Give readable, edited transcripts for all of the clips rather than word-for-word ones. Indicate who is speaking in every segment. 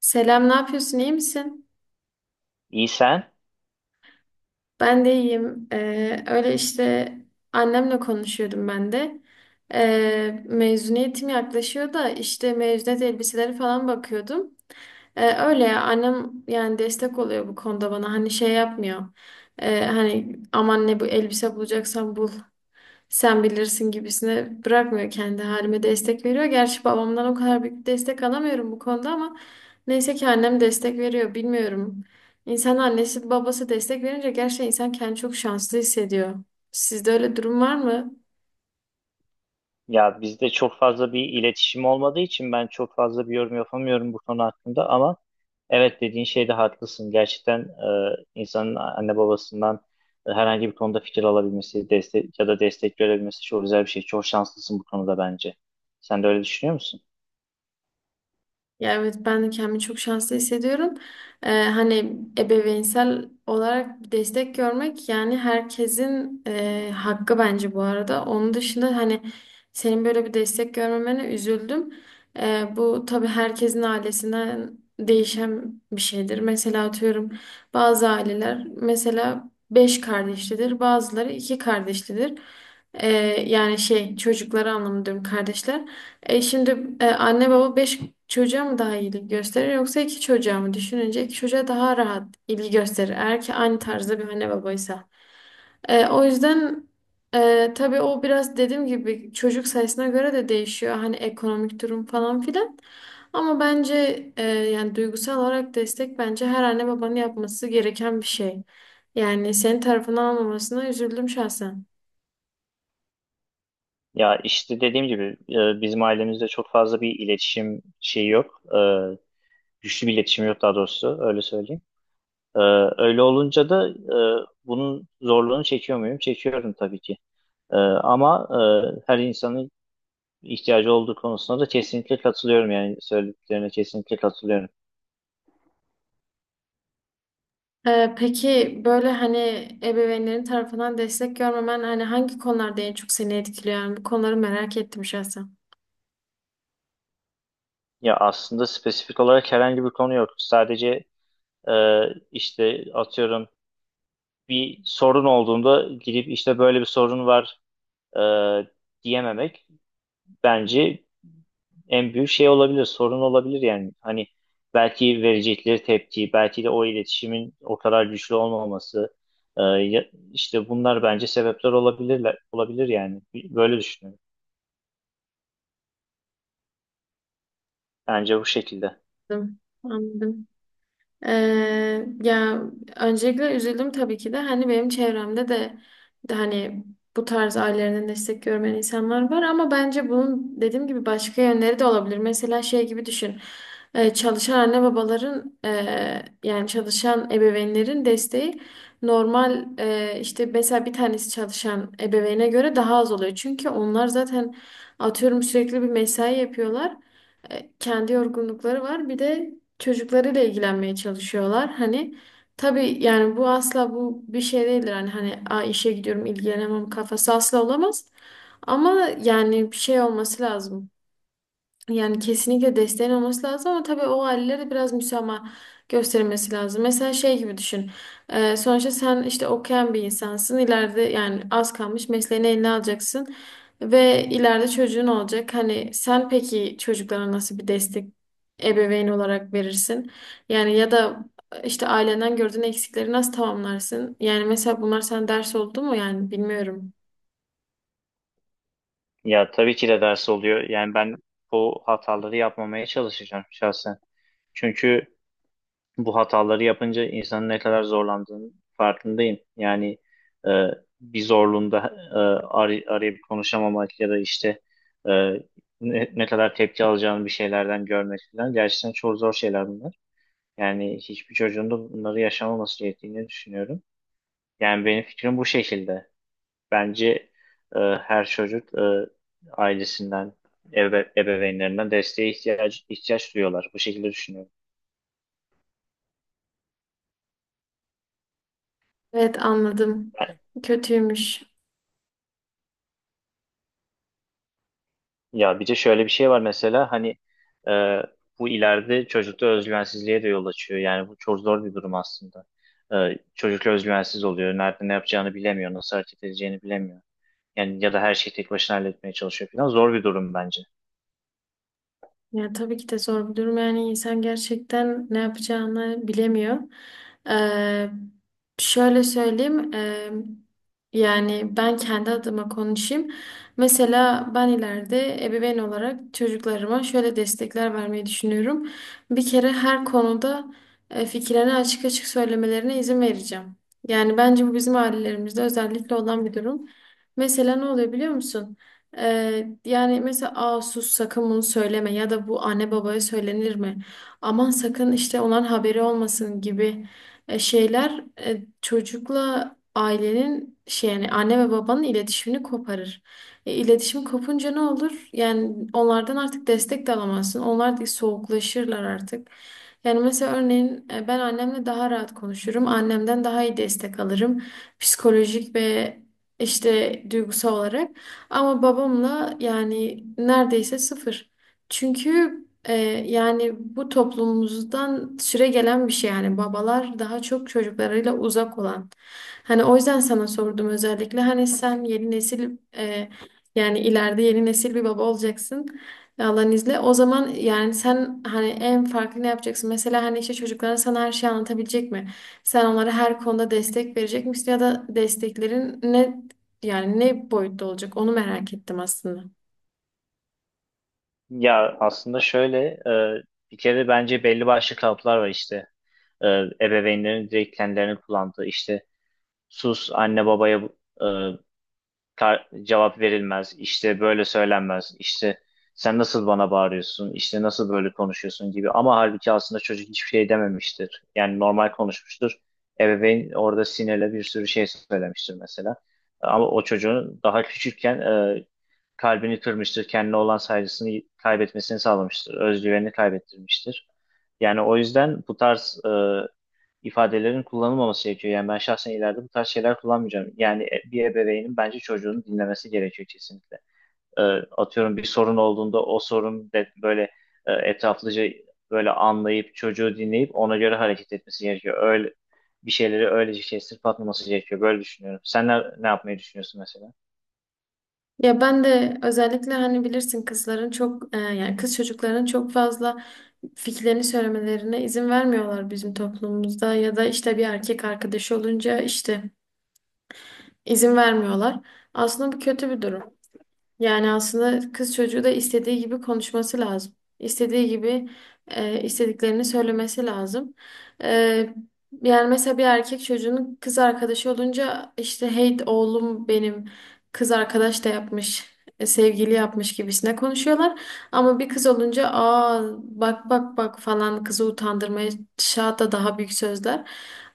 Speaker 1: Selam, ne yapıyorsun? İyi misin?
Speaker 2: İyi sen?
Speaker 1: Ben de iyiyim. Öyle işte annemle konuşuyordum ben de. Mezuniyetim yaklaşıyor da işte mezuniyet elbiseleri falan bakıyordum. Öyle ya annem yani destek oluyor bu konuda bana. Hani şey yapmıyor. Hani aman ne bu elbise bulacaksan bul. Sen bilirsin gibisine bırakmıyor kendi halime destek veriyor. Gerçi babamdan o kadar büyük destek alamıyorum bu konuda ama neyse ki annem destek veriyor bilmiyorum. İnsan annesi babası destek verince gerçekten insan kendini çok şanslı hissediyor. Sizde öyle durum var mı?
Speaker 2: Ya bizde çok fazla bir iletişim olmadığı için ben çok fazla bir yorum yapamıyorum bu konu hakkında ama evet dediğin şeyde haklısın. Gerçekten insanın anne babasından herhangi bir konuda fikir alabilmesi, destek ya da destek görebilmesi çok güzel bir şey. Çok şanslısın bu konuda bence. Sen de öyle düşünüyor musun?
Speaker 1: Ya evet ben de kendimi çok şanslı hissediyorum. Hani ebeveynsel olarak destek görmek yani herkesin hakkı bence bu arada. Onun dışında hani senin böyle bir destek görmemene üzüldüm. Bu tabii herkesin ailesinden değişen bir şeydir. Mesela atıyorum bazı aileler mesela beş kardeşlidir, bazıları iki kardeşlidir. Ee, Yani şey çocukları anlamında diyorum kardeşler. E şimdi anne baba beş çocuğa mı daha ilgi gösterir yoksa iki çocuğa mı? Düşününce iki çocuğa daha rahat ilgi gösterir. Eğer ki aynı tarzda bir anne babaysa. O yüzden tabii o biraz dediğim gibi çocuk sayısına göre de değişiyor. Hani ekonomik durum falan filan. Ama bence yani duygusal olarak destek bence her anne babanın yapması gereken bir şey. Yani senin tarafından almamasına üzüldüm şahsen.
Speaker 2: Ya işte dediğim gibi bizim ailemizde çok fazla bir iletişim şeyi yok. E, güçlü bir iletişim yok daha doğrusu öyle söyleyeyim. Ee, Öyle olunca da bunun zorluğunu çekiyor muyum? Çekiyorum tabii ki. Ama her insanın ihtiyacı olduğu konusunda da kesinlikle katılıyorum. Yani söylediklerine kesinlikle katılıyorum.
Speaker 1: Peki böyle hani ebeveynlerin tarafından destek görmemen hani hangi konularda en çok seni etkiliyor? Yani bu konuları merak ettim şahsen.
Speaker 2: Ya aslında spesifik olarak herhangi bir konu yok. Sadece e, işte atıyorum bir sorun olduğunda gidip işte böyle bir sorun var e, diyememek. Bence en büyük şey olabilir, sorun olabilir yani. Hani belki verecekleri tepki, belki de o iletişimin o kadar güçlü olmaması, e, ya- işte bunlar bence sebepler olabilirler, olabilir yani. Böyle düşünüyorum. Bence bu şekilde.
Speaker 1: Anladım. Anladım. Ya öncelikle üzüldüm tabii ki de hani benim çevremde de, de hani bu tarz ailelerinden destek görmeyen insanlar var ama bence bunun dediğim gibi başka yönleri de olabilir. Mesela şey gibi düşün. Çalışan anne babaların yani çalışan ebeveynlerin desteği normal işte mesela bir tanesi çalışan ebeveyne göre daha az oluyor. Çünkü onlar zaten atıyorum sürekli bir mesai yapıyorlar. Kendi yorgunlukları var. Bir de çocuklarıyla ilgilenmeye çalışıyorlar. Hani tabii yani bu asla bu bir şey değildir. Hani hani "Aa, işe gidiyorum ilgilenemem" kafası asla olamaz. Ama yani bir şey olması lazım. Yani kesinlikle desteğin olması lazım ama tabii o ailelere biraz müsamaha gösterilmesi lazım. Mesela şey gibi düşün. Sonuçta sen işte okuyan bir insansın. İleride yani az kalmış mesleğini eline alacaksın. Ve ileride çocuğun olacak. Hani sen peki çocuklara nasıl bir destek ebeveyn olarak verirsin? Yani ya da işte ailenden gördüğün eksikleri nasıl tamamlarsın? Yani mesela bunlar sana ders oldu mu? Yani bilmiyorum.
Speaker 2: Ya tabii ki de ders oluyor. Yani ben bu hataları yapmamaya çalışacağım şahsen. Çünkü bu hataları yapınca insanın ne kadar zorlandığını farkındayım. Yani e, bir zorluğunda e, arayıp konuşamamak ya da işte e, ne kadar tepki alacağını bir şeylerden görmek falan gerçekten çok zor şeyler bunlar. Yani hiçbir çocuğun da bunları yaşamaması gerektiğini düşünüyorum. Yani benim fikrim bu şekilde. Bence her çocuk ailesinden, ebeveynlerinden desteğe ihtiyaç duyuyorlar. Bu şekilde düşünüyorum.
Speaker 1: Evet anladım. Kötüymüş.
Speaker 2: Ya bir de şöyle bir şey var mesela hani e, bu ileride çocukta özgüvensizliğe de yol açıyor. Yani bu çok zor bir durum aslında. E, çocuk özgüvensiz oluyor. Nerede ne yapacağını bilemiyor. Nasıl hareket edeceğini bilemiyor. Yani ya da her şeyi tek başına halletmeye çalışıyor falan. Zor bir durum bence.
Speaker 1: Ya tabii ki de zor bir durum. Yani insan gerçekten ne yapacağını bilemiyor. Ee, Şöyle söyleyeyim. Yani ben kendi adıma konuşayım. Mesela ben ileride ebeveyn olarak çocuklarıma şöyle destekler vermeyi düşünüyorum. Bir kere her konuda fikirlerini açık açık söylemelerine izin vereceğim. Yani bence bu bizim ailelerimizde özellikle olan bir durum. Mesela ne oluyor biliyor musun? Yani mesela aa sus sakın bunu söyleme ya da bu anne babaya söylenir mi? Aman sakın işte onların haberi olmasın gibi şeyler çocukla ailenin şey yani anne ve babanın iletişimini koparır. İletişim kopunca ne olur? Yani onlardan artık destek de alamazsın. Onlar da soğuklaşırlar artık. Yani mesela örneğin ben annemle daha rahat konuşurum. Annemden daha iyi destek alırım. Psikolojik ve işte duygusal olarak. Ama babamla yani neredeyse sıfır. Çünkü e, yani bu toplumumuzdan süre gelen bir şey yani babalar daha çok çocuklarıyla uzak olan. Hani o yüzden sana sordum özellikle hani sen yeni nesil yani ileride yeni nesil bir baba olacaksın. Allah'ın izniyle. O zaman yani sen hani en farklı ne yapacaksın? Mesela hani işte çocuklara sana her şeyi anlatabilecek mi? Sen onlara her konuda destek verecek misin ya da desteklerin ne yani ne boyutta olacak onu merak ettim aslında.
Speaker 2: Ya aslında şöyle e, bir kere bence belli başlı kalıplar var işte. E, ebeveynlerin direkt kendilerini kullandığı işte sus anne babaya e, cevap verilmez, işte böyle söylenmez, işte sen nasıl bana bağırıyorsun, işte nasıl böyle konuşuyorsun gibi. Ama halbuki aslında çocuk hiçbir şey dememiştir. Yani normal konuşmuştur. Ebeveyn orada sinirle bir sürü şey söylemiştir mesela. Ama o çocuğun daha küçükken kalbini kırmıştır, kendine olan saygısını kaybetmesini sağlamıştır, özgüvenini kaybettirmiştir. Yani o yüzden bu tarz ifadelerin kullanılmaması gerekiyor. Yani ben şahsen ileride bu tarz şeyler kullanmayacağım. Yani bir ebeveynin bence çocuğunu dinlemesi gerekiyor kesinlikle. Ee, Atıyorum bir sorun olduğunda o sorun de böyle etraflıca böyle anlayıp çocuğu dinleyip ona göre hareket etmesi gerekiyor. Öyle bir şeyleri öylece kestirip atmaması gerekiyor. Böyle düşünüyorum. Sen ne yapmayı düşünüyorsun mesela?
Speaker 1: Ya ben de özellikle hani bilirsin kızların çok yani kız çocukların çok fazla fikirlerini söylemelerine izin vermiyorlar bizim toplumumuzda ya da işte bir erkek arkadaşı olunca işte izin vermiyorlar. Aslında bu kötü bir durum. Yani aslında kız çocuğu da istediği gibi konuşması lazım. İstediği gibi istediklerini söylemesi lazım. E, Yani mesela bir erkek çocuğunun kız arkadaşı olunca işte hey oğlum benim kız arkadaş da yapmış, sevgili yapmış gibisine konuşuyorlar. Ama bir kız olunca aa bak bak bak falan kızı utandırmaya hatta daha büyük sözler.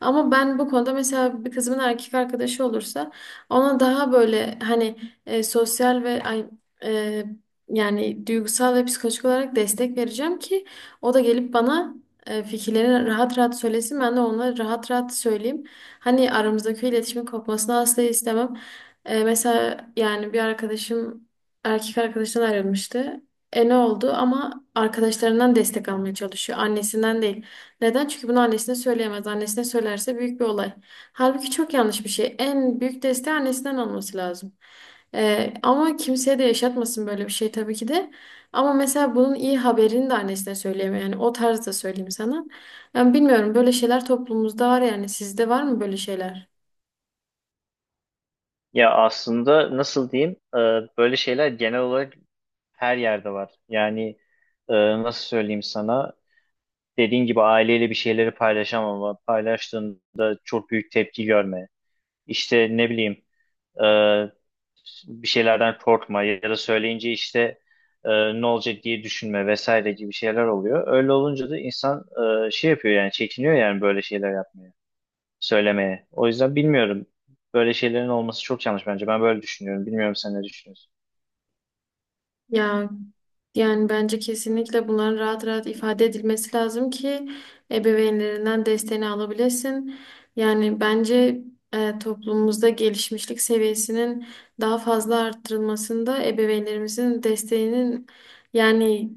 Speaker 1: Ama ben bu konuda mesela bir kızımın erkek arkadaşı olursa ona daha böyle hani sosyal ve e, yani duygusal ve psikolojik olarak destek vereceğim ki o da gelip bana fikirlerini rahat rahat söylesin. Ben de ona rahat rahat söyleyeyim. Hani aramızdaki iletişimin kopmasını asla istemem. Mesela yani bir arkadaşım erkek arkadaşından ayrılmıştı. E ne oldu? Ama arkadaşlarından destek almaya çalışıyor. Annesinden değil. Neden? Çünkü bunu annesine söyleyemez. Annesine söylerse büyük bir olay. Halbuki çok yanlış bir şey. En büyük desteği annesinden alması lazım. Ama kimseye de yaşatmasın böyle bir şey tabii ki de. Ama mesela bunun iyi haberini de annesine söyleyemiyor. Yani o tarzda söyleyeyim sana. Yani bilmiyorum böyle şeyler toplumumuzda var yani. Sizde var mı böyle şeyler?
Speaker 2: Ya aslında nasıl diyeyim? Böyle şeyler genel olarak her yerde var. Yani e, nasıl söyleyeyim sana? Dediğin gibi aileyle bir şeyleri paylaşamama, paylaştığında çok büyük tepki görme, işte ne bileyim e, bir şeylerden korkma ya da söyleyince işte e, ne olacak diye düşünme vesaire gibi şeyler oluyor. Öyle olunca da insan şey yapıyor yani çekiniyor yani böyle şeyler yapmaya, söylemeye. O yüzden bilmiyorum. Böyle şeylerin olması çok yanlış bence. Ben böyle düşünüyorum. Bilmiyorum sen ne düşünüyorsun?
Speaker 1: Ya yani bence kesinlikle bunların rahat rahat ifade edilmesi lazım ki ebeveynlerinden desteğini alabilesin. Yani bence toplumumuzda gelişmişlik seviyesinin daha fazla arttırılmasında ebeveynlerimizin desteğinin yani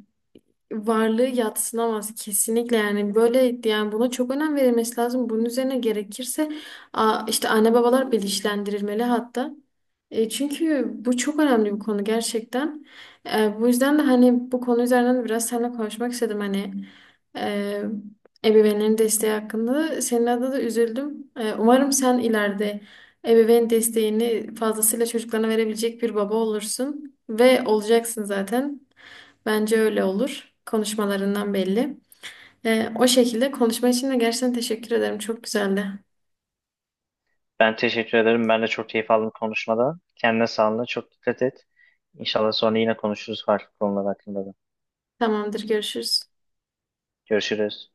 Speaker 1: varlığı yadsınamaz kesinlikle yani böyle yani buna çok önem verilmesi lazım. Bunun üzerine gerekirse işte anne babalar bilinçlendirilmeli hatta. Çünkü bu çok önemli bir konu gerçekten. Bu yüzden de hani bu konu üzerinden de biraz seninle konuşmak istedim hani e, ebeveynlerin desteği hakkında. Senin adına da üzüldüm. Umarım sen ileride ebeveyn desteğini fazlasıyla çocuklarına verebilecek bir baba olursun ve olacaksın zaten. Bence öyle olur. Konuşmalarından belli. O şekilde konuşma için de gerçekten teşekkür ederim. Çok güzeldi.
Speaker 2: Ben teşekkür ederim. Ben de çok keyif aldım konuşmada. Kendine sağlığına çok dikkat et. İnşallah sonra yine konuşuruz farklı konular hakkında da.
Speaker 1: Tamamdır, görüşürüz.
Speaker 2: Görüşürüz.